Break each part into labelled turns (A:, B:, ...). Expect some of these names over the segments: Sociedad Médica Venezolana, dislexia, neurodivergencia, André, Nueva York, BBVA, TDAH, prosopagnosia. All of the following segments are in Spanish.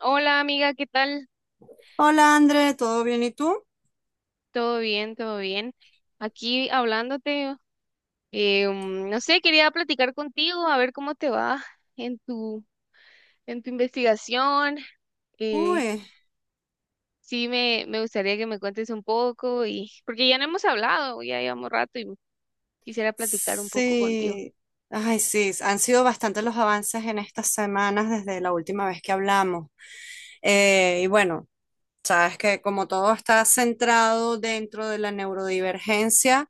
A: Hola amiga, ¿qué tal?
B: Hola André, ¿todo bien y tú?
A: ¿Todo bien? ¿Todo bien? Aquí hablándote, no sé, quería platicar contigo, a ver cómo te va en tu, en tu investigación. eh,
B: Uy,
A: sí, me gustaría que me cuentes un poco y porque ya no hemos hablado, ya llevamos rato y quisiera platicar un poco contigo.
B: sí. Ay, sí, han sido bastantes los avances en estas semanas desde la última vez que hablamos. Y bueno, sabes que como todo está centrado dentro de la neurodivergencia.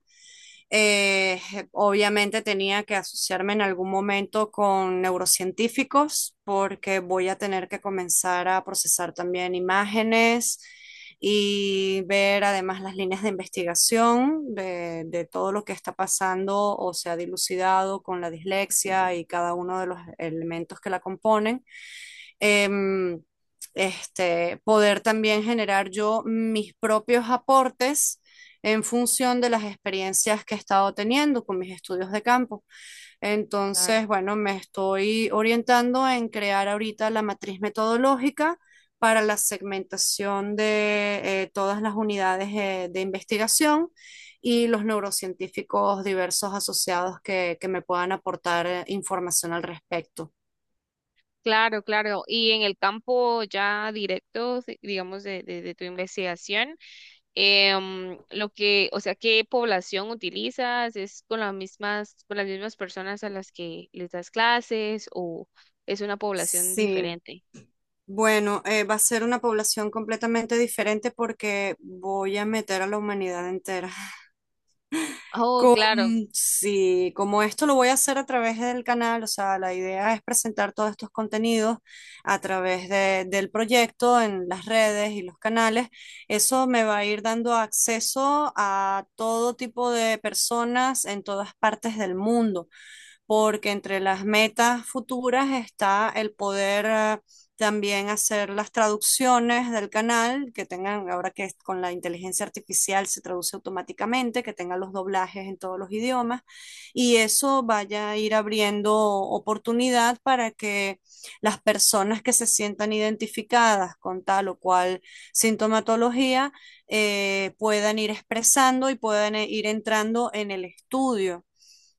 B: Eh, Obviamente tenía que asociarme en algún momento con neurocientíficos porque voy a tener que comenzar a procesar también imágenes y ver además las líneas de investigación de todo lo que está pasando o se ha dilucidado con la dislexia y cada uno de los elementos que la componen. Em, este, poder también generar yo mis propios aportes en función de las experiencias que he estado teniendo con mis estudios de campo.
A: Claro,
B: Entonces, bueno, me estoy orientando en crear ahorita la matriz metodológica para la segmentación de todas las unidades de investigación y los neurocientíficos diversos asociados que me puedan aportar información al respecto.
A: claro, claro. Y en el campo ya directo, sí, digamos, de tu investigación. Lo que, o sea, qué población utilizas, es con las mismas personas a las que les das clases o es una población
B: Sí,
A: diferente.
B: bueno, va a ser una población completamente diferente porque voy a meter a la humanidad entera.
A: Oh,
B: Con,
A: claro.
B: sí, como esto lo voy a hacer a través del canal, o sea, la idea es presentar todos estos contenidos a través del proyecto en las redes y los canales. Eso me va a ir dando acceso a todo tipo de personas en todas partes del mundo porque entre las metas futuras está el poder también hacer las traducciones del canal, que tengan, ahora que es con la inteligencia artificial se traduce automáticamente, que tengan los doblajes en todos los idiomas, y eso vaya a ir abriendo oportunidad para que las personas que se sientan identificadas con tal o cual sintomatología, puedan ir expresando y puedan ir entrando en el estudio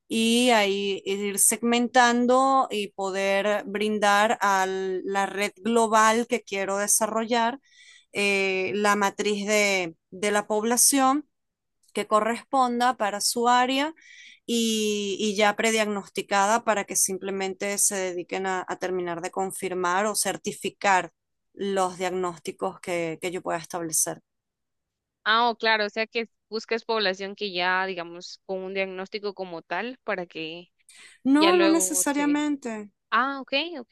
B: y ahí ir segmentando y poder brindar a la red global que quiero desarrollar la matriz de la población que corresponda para su área y, ya prediagnosticada para que simplemente se dediquen a terminar de confirmar o certificar los diagnósticos que yo pueda establecer.
A: Ah, oh, claro, o sea que buscas población que ya, digamos, con un diagnóstico como tal para que ya
B: No, no
A: luego se...
B: necesariamente.
A: Ah, ok, ok,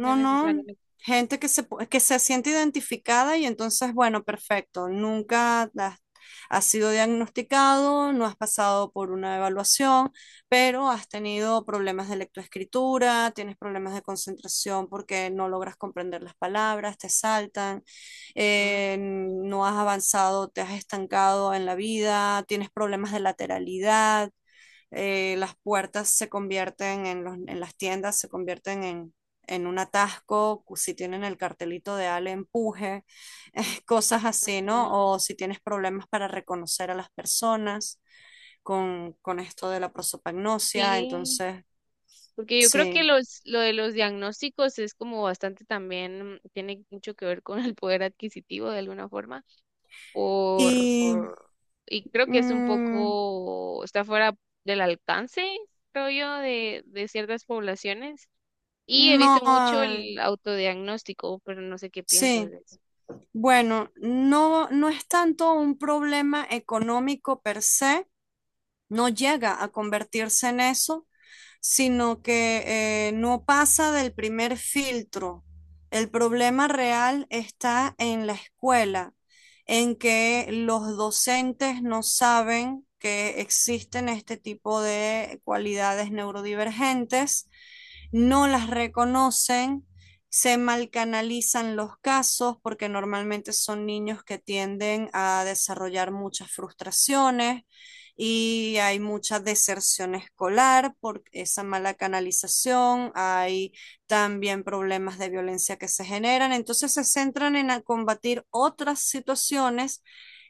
A: no
B: no.
A: necesariamente.
B: Gente que se siente identificada y entonces, bueno, perfecto. Nunca has sido diagnosticado, no has pasado por una evaluación, pero has tenido problemas de lectoescritura, tienes problemas de concentración porque no logras comprender las palabras, te saltan,
A: Mm, ok.
B: no has avanzado, te has estancado en la vida, tienes problemas de lateralidad, las puertas se convierten en las tiendas, se convierten en un atasco, si tienen el cartelito de Ale, empuje, cosas así, ¿no?
A: Mm,
B: O si tienes problemas para reconocer a las personas con esto de la prosopagnosia,
A: sí.
B: entonces,
A: Porque yo creo que
B: sí.
A: lo de los diagnósticos es como bastante también, tiene mucho que ver con el poder adquisitivo de alguna forma, por,
B: Y
A: por- y creo que es un
B: mm,
A: poco, está fuera del alcance, creo yo, de ciertas poblaciones. Y he
B: no,
A: visto mucho
B: ah,
A: el autodiagnóstico, pero no sé qué piensas
B: sí.
A: de eso.
B: Bueno, no, no es tanto un problema económico per se, no llega a convertirse en eso, sino que no pasa del primer filtro. El problema real está en la escuela, en que los docentes no saben que existen este tipo de cualidades neurodivergentes, no las reconocen, se malcanalizan los casos porque normalmente son niños que tienden a desarrollar muchas frustraciones, y hay mucha deserción escolar por esa mala canalización, hay también problemas de violencia que se generan, entonces se centran en combatir otras situaciones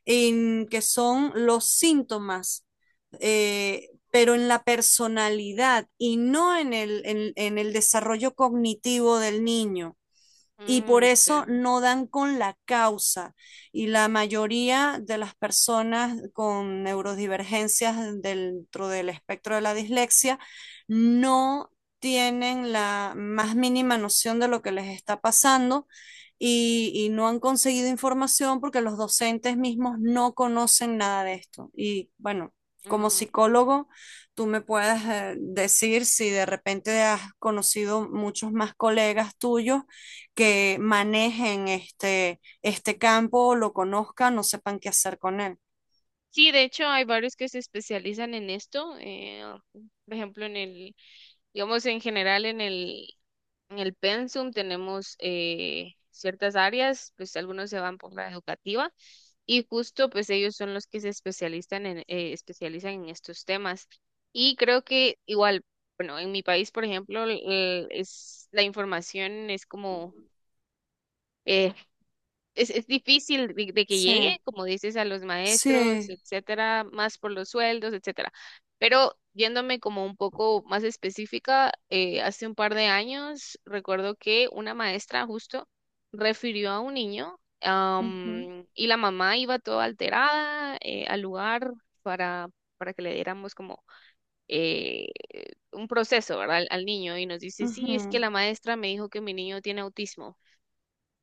B: en que son los síntomas, pero en la personalidad y no en el desarrollo cognitivo del niño y por
A: Mm, sí.
B: eso no dan con la causa. Y la mayoría de las personas con neurodivergencias dentro del espectro de la dislexia no tienen la más mínima noción de lo que les está pasando y no han conseguido información porque los docentes mismos no conocen nada de esto. Y bueno, como
A: Mm.
B: psicólogo, tú me puedes decir si de repente has conocido muchos más colegas tuyos que manejen este campo, lo conozcan, no sepan qué hacer con él.
A: Sí, de hecho hay varios que se especializan en esto, por ejemplo digamos en general en el en el Pensum tenemos ciertas áreas, pues algunos se van por la educativa y justo pues ellos son los que se especializan en, especializan en estos temas. Y creo que igual, bueno, en mi país, por ejemplo, la información es como, eh, es difícil de que
B: Sí,
A: llegue, como dices, a los maestros,
B: sí.
A: etcétera, más por los sueldos, etcétera. Pero yéndome como un poco más específica, hace un par de años recuerdo que una maestra justo refirió a un niño,
B: Ujú,
A: y la mamá iba toda alterada, al lugar para, para que le diéramos como eh, un proceso, ¿verdad? Al niño y nos dice, sí, es que
B: ujú,
A: la maestra me dijo que mi niño tiene autismo.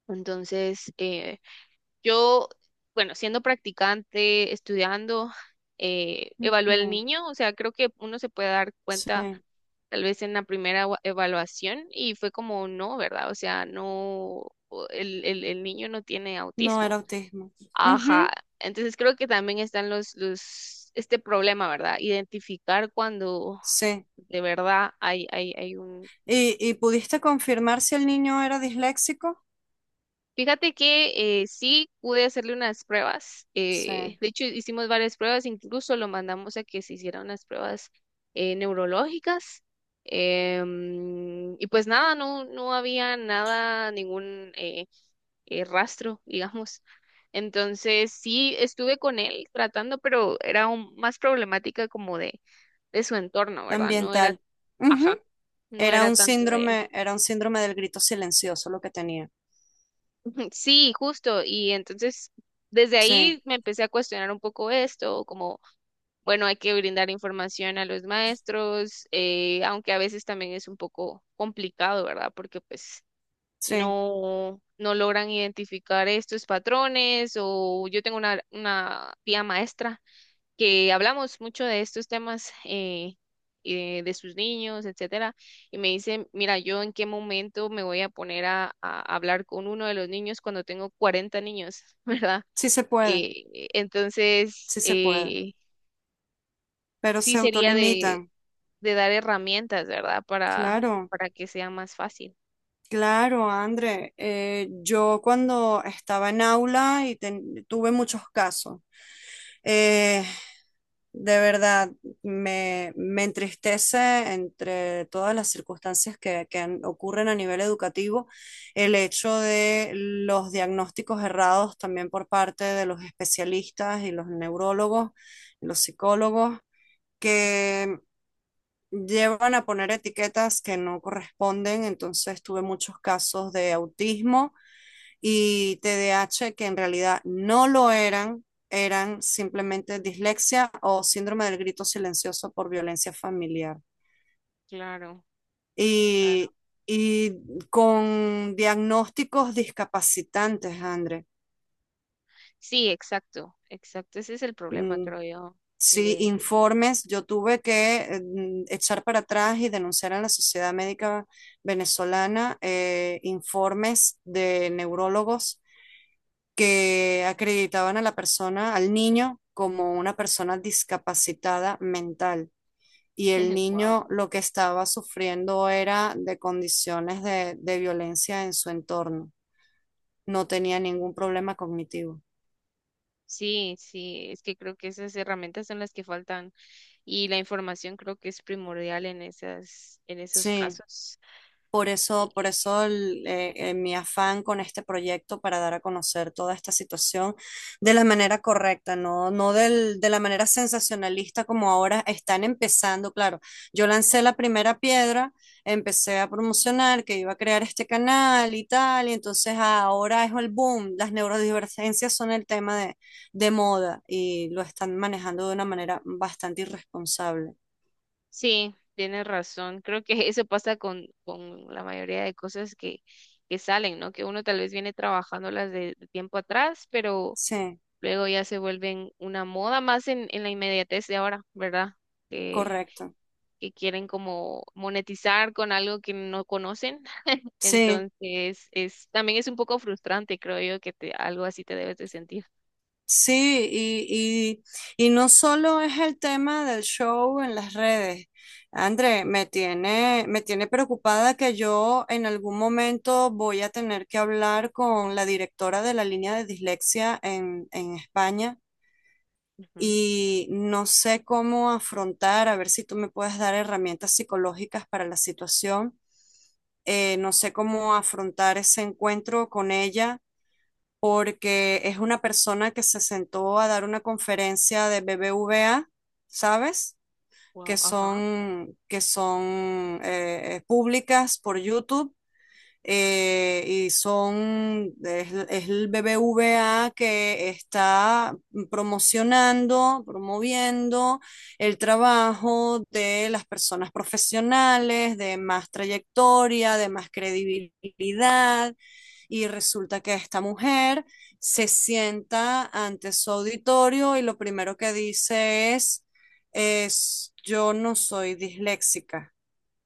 A: Entonces, yo, bueno, siendo practicante, estudiando, evalué al
B: ujú.
A: niño, o sea, creo que uno se puede dar cuenta
B: Sí,
A: tal vez en la primera evaluación y fue como no, ¿verdad? O sea, no, el niño no tiene
B: no era
A: autismo.
B: autismo.
A: Ajá,
B: Ujú.
A: entonces creo que también están este problema, ¿verdad? Identificar cuando
B: Sí.
A: de verdad hay un...
B: Y pudiste confirmar si el niño era disléxico?
A: Fíjate que sí pude hacerle unas pruebas.
B: Sí,
A: De hecho, hicimos varias pruebas, incluso lo mandamos a que se hicieran unas pruebas neurológicas. Y pues nada, no había nada, ningún rastro, digamos. Entonces sí estuve con él tratando, pero era más problemática como de su entorno, ¿verdad? No era,
B: ambiental. Ujú.
A: ajá, no
B: Era
A: era
B: un
A: tanto.
B: síndrome, era un síndrome del grito silencioso lo que tenía.
A: Ujú, sí, justo. Y entonces, desde ahí
B: Sí,
A: me empecé a cuestionar un poco esto, como, bueno, hay que brindar información a los maestros, aunque a veces también es un poco complicado, ¿verdad? Porque pues
B: sí,
A: no, no logran identificar estos patrones o yo tengo una tía maestra que hablamos mucho de estos temas de sus niños, etcétera, y me dice, mira, yo en qué momento me voy a poner a hablar con uno de los niños cuando tengo 40 niños, ¿verdad?
B: sí se puede,
A: Eh, entonces,
B: sí se puede,
A: eh,
B: pero
A: sí
B: se
A: sería
B: autolimitan.
A: de dar herramientas, ¿verdad?
B: Claro.
A: Para que sea más fácil.
B: Claro, André, yo cuando estaba en aula y tuve muchos casos, eh, de verdad me entristece entre todas las circunstancias que ocurren a nivel educativo el hecho de los diagnósticos errados también por parte de los especialistas y los neurólogos, los psicólogos, que llevan a poner etiquetas que no corresponden. Entonces tuve muchos casos de autismo y T D A H que en realidad no lo eran, eran simplemente dislexia o síndrome del grito silencioso por violencia familiar.
A: Claro, claro.
B: Y, y con diagnósticos discapacitantes, André.
A: Sí, exacto, exacto. Ese es el problema, creo yo,
B: Sí,
A: de...
B: informes, yo tuve que echar para atrás y denunciar a la Sociedad Médica Venezolana, informes de neurólogos que acreditaban a la persona, al niño, como una persona discapacitada mental. Y el
A: Wow.
B: niño lo que estaba sufriendo era de condiciones de violencia en su entorno. No tenía ningún problema cognitivo.
A: Sí, sí, es que creo que esas herramientas son las que faltan y la información creo que es primordial en esas, en esos
B: Sí.
A: casos.
B: Por eso, por
A: Y,
B: eso mi afán con este proyecto para dar a conocer toda esta situación de la manera correcta, no, no de la manera sensacionalista como ahora están empezando. Claro, yo lancé la primera piedra, empecé a promocionar que iba a crear este canal y tal, y entonces ahora es el boom. Las neurodivergencias son el tema de moda y lo están manejando de una manera bastante irresponsable.
A: sí, tienes razón. Creo que eso pasa con la mayoría de cosas que salen, ¿no? Que uno tal vez viene trabajándolas de tiempo atrás, pero
B: Sí,
A: luego ya se vuelven una moda más en la inmediatez de ahora, ¿verdad? Que,
B: correcto.
A: que quieren como monetizar con algo que no conocen.
B: Sí.
A: Entonces, es, también es un poco frustrante, creo yo, que te, algo así te debes de sentir.
B: Sí, y no solo es el tema del show en las redes. André, me tiene preocupada que yo en algún momento voy a tener que hablar con la directora de la línea de dislexia en España
A: Ujú.
B: y no sé cómo afrontar, a ver si tú me puedes dar herramientas psicológicas para la situación. No sé cómo afrontar ese encuentro con ella porque es una persona que se sentó a dar una conferencia de BBVA, ¿sabes? Que
A: Wow, ajá.
B: son, que son públicas por YouTube, y es el BBVA que está promocionando, promoviendo el trabajo de las personas profesionales, de más trayectoria, de más credibilidad. Y resulta que esta mujer se sienta ante su auditorio y lo primero que dice es, yo no soy disléxica.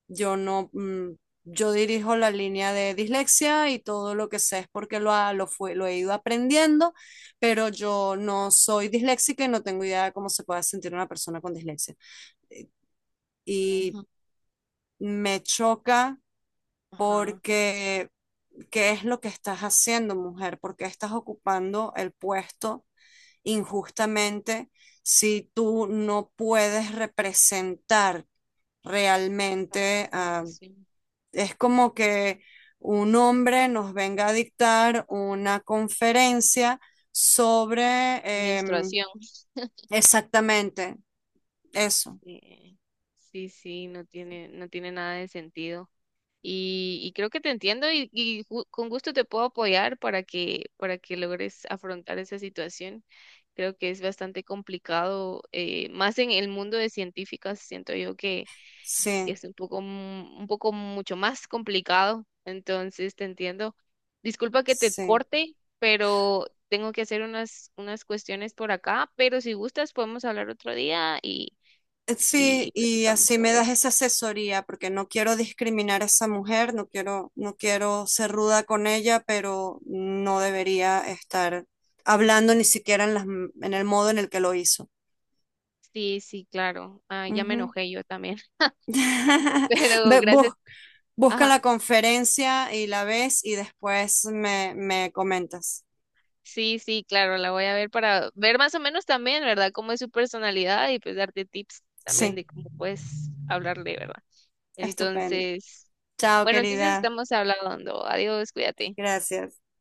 B: Yo no, mm, yo dirijo la línea de dislexia y todo lo que sé es porque lo, ha- lo, fue, lo he ido aprendiendo, pero yo no soy disléxica y no tengo idea de cómo se puede sentir una persona con dislexia. Y
A: Ujú.
B: me choca
A: Ajá,
B: porque ¿qué es lo que estás haciendo, mujer? ¿Por qué estás ocupando el puesto injustamente si tú no puedes representar
A: cáncer,
B: realmente a
A: población,
B: es como que un hombre nos venga a dictar una conferencia sobre
A: menstruación.
B: exactamente eso.
A: Sí, sí, sí, no tiene, no tiene nada de sentido. Y creo que te entiendo y con gusto te puedo apoyar para que logres afrontar esa situación. Creo que es bastante complicado, más en el mundo de científicas, siento yo que
B: Sí,
A: es un poco, un poco mucho más complicado, entonces te entiendo. Disculpa que te
B: sí.
A: corte, pero tengo que hacer unas, unas cuestiones por acá, pero si gustas podemos hablar otro día y
B: Sí, y
A: platicamos
B: así me
A: sobre
B: das
A: eso.
B: esa asesoría, porque no quiero discriminar a esa mujer, no quiero, no quiero ser ruda con ella, pero no debería estar hablando ni siquiera en el modo en el que lo hizo.
A: Sí, sí, claro. Ah, ya me
B: Ujú.
A: enojé yo también, pero
B: Ve,
A: gracias.
B: busca
A: Ajá.
B: la conferencia y la ves y después me comentas.
A: Sí, sí, claro, la voy a ver para ver más o menos también, ¿verdad? Cómo es su personalidad y pues darte tips también
B: Sí,
A: de cómo puedes hablarle, ¿verdad?
B: estupendo.
A: Entonces,
B: Chao,
A: bueno, entonces
B: querida.
A: estamos hablando. Adiós, cuídate.
B: Gracias.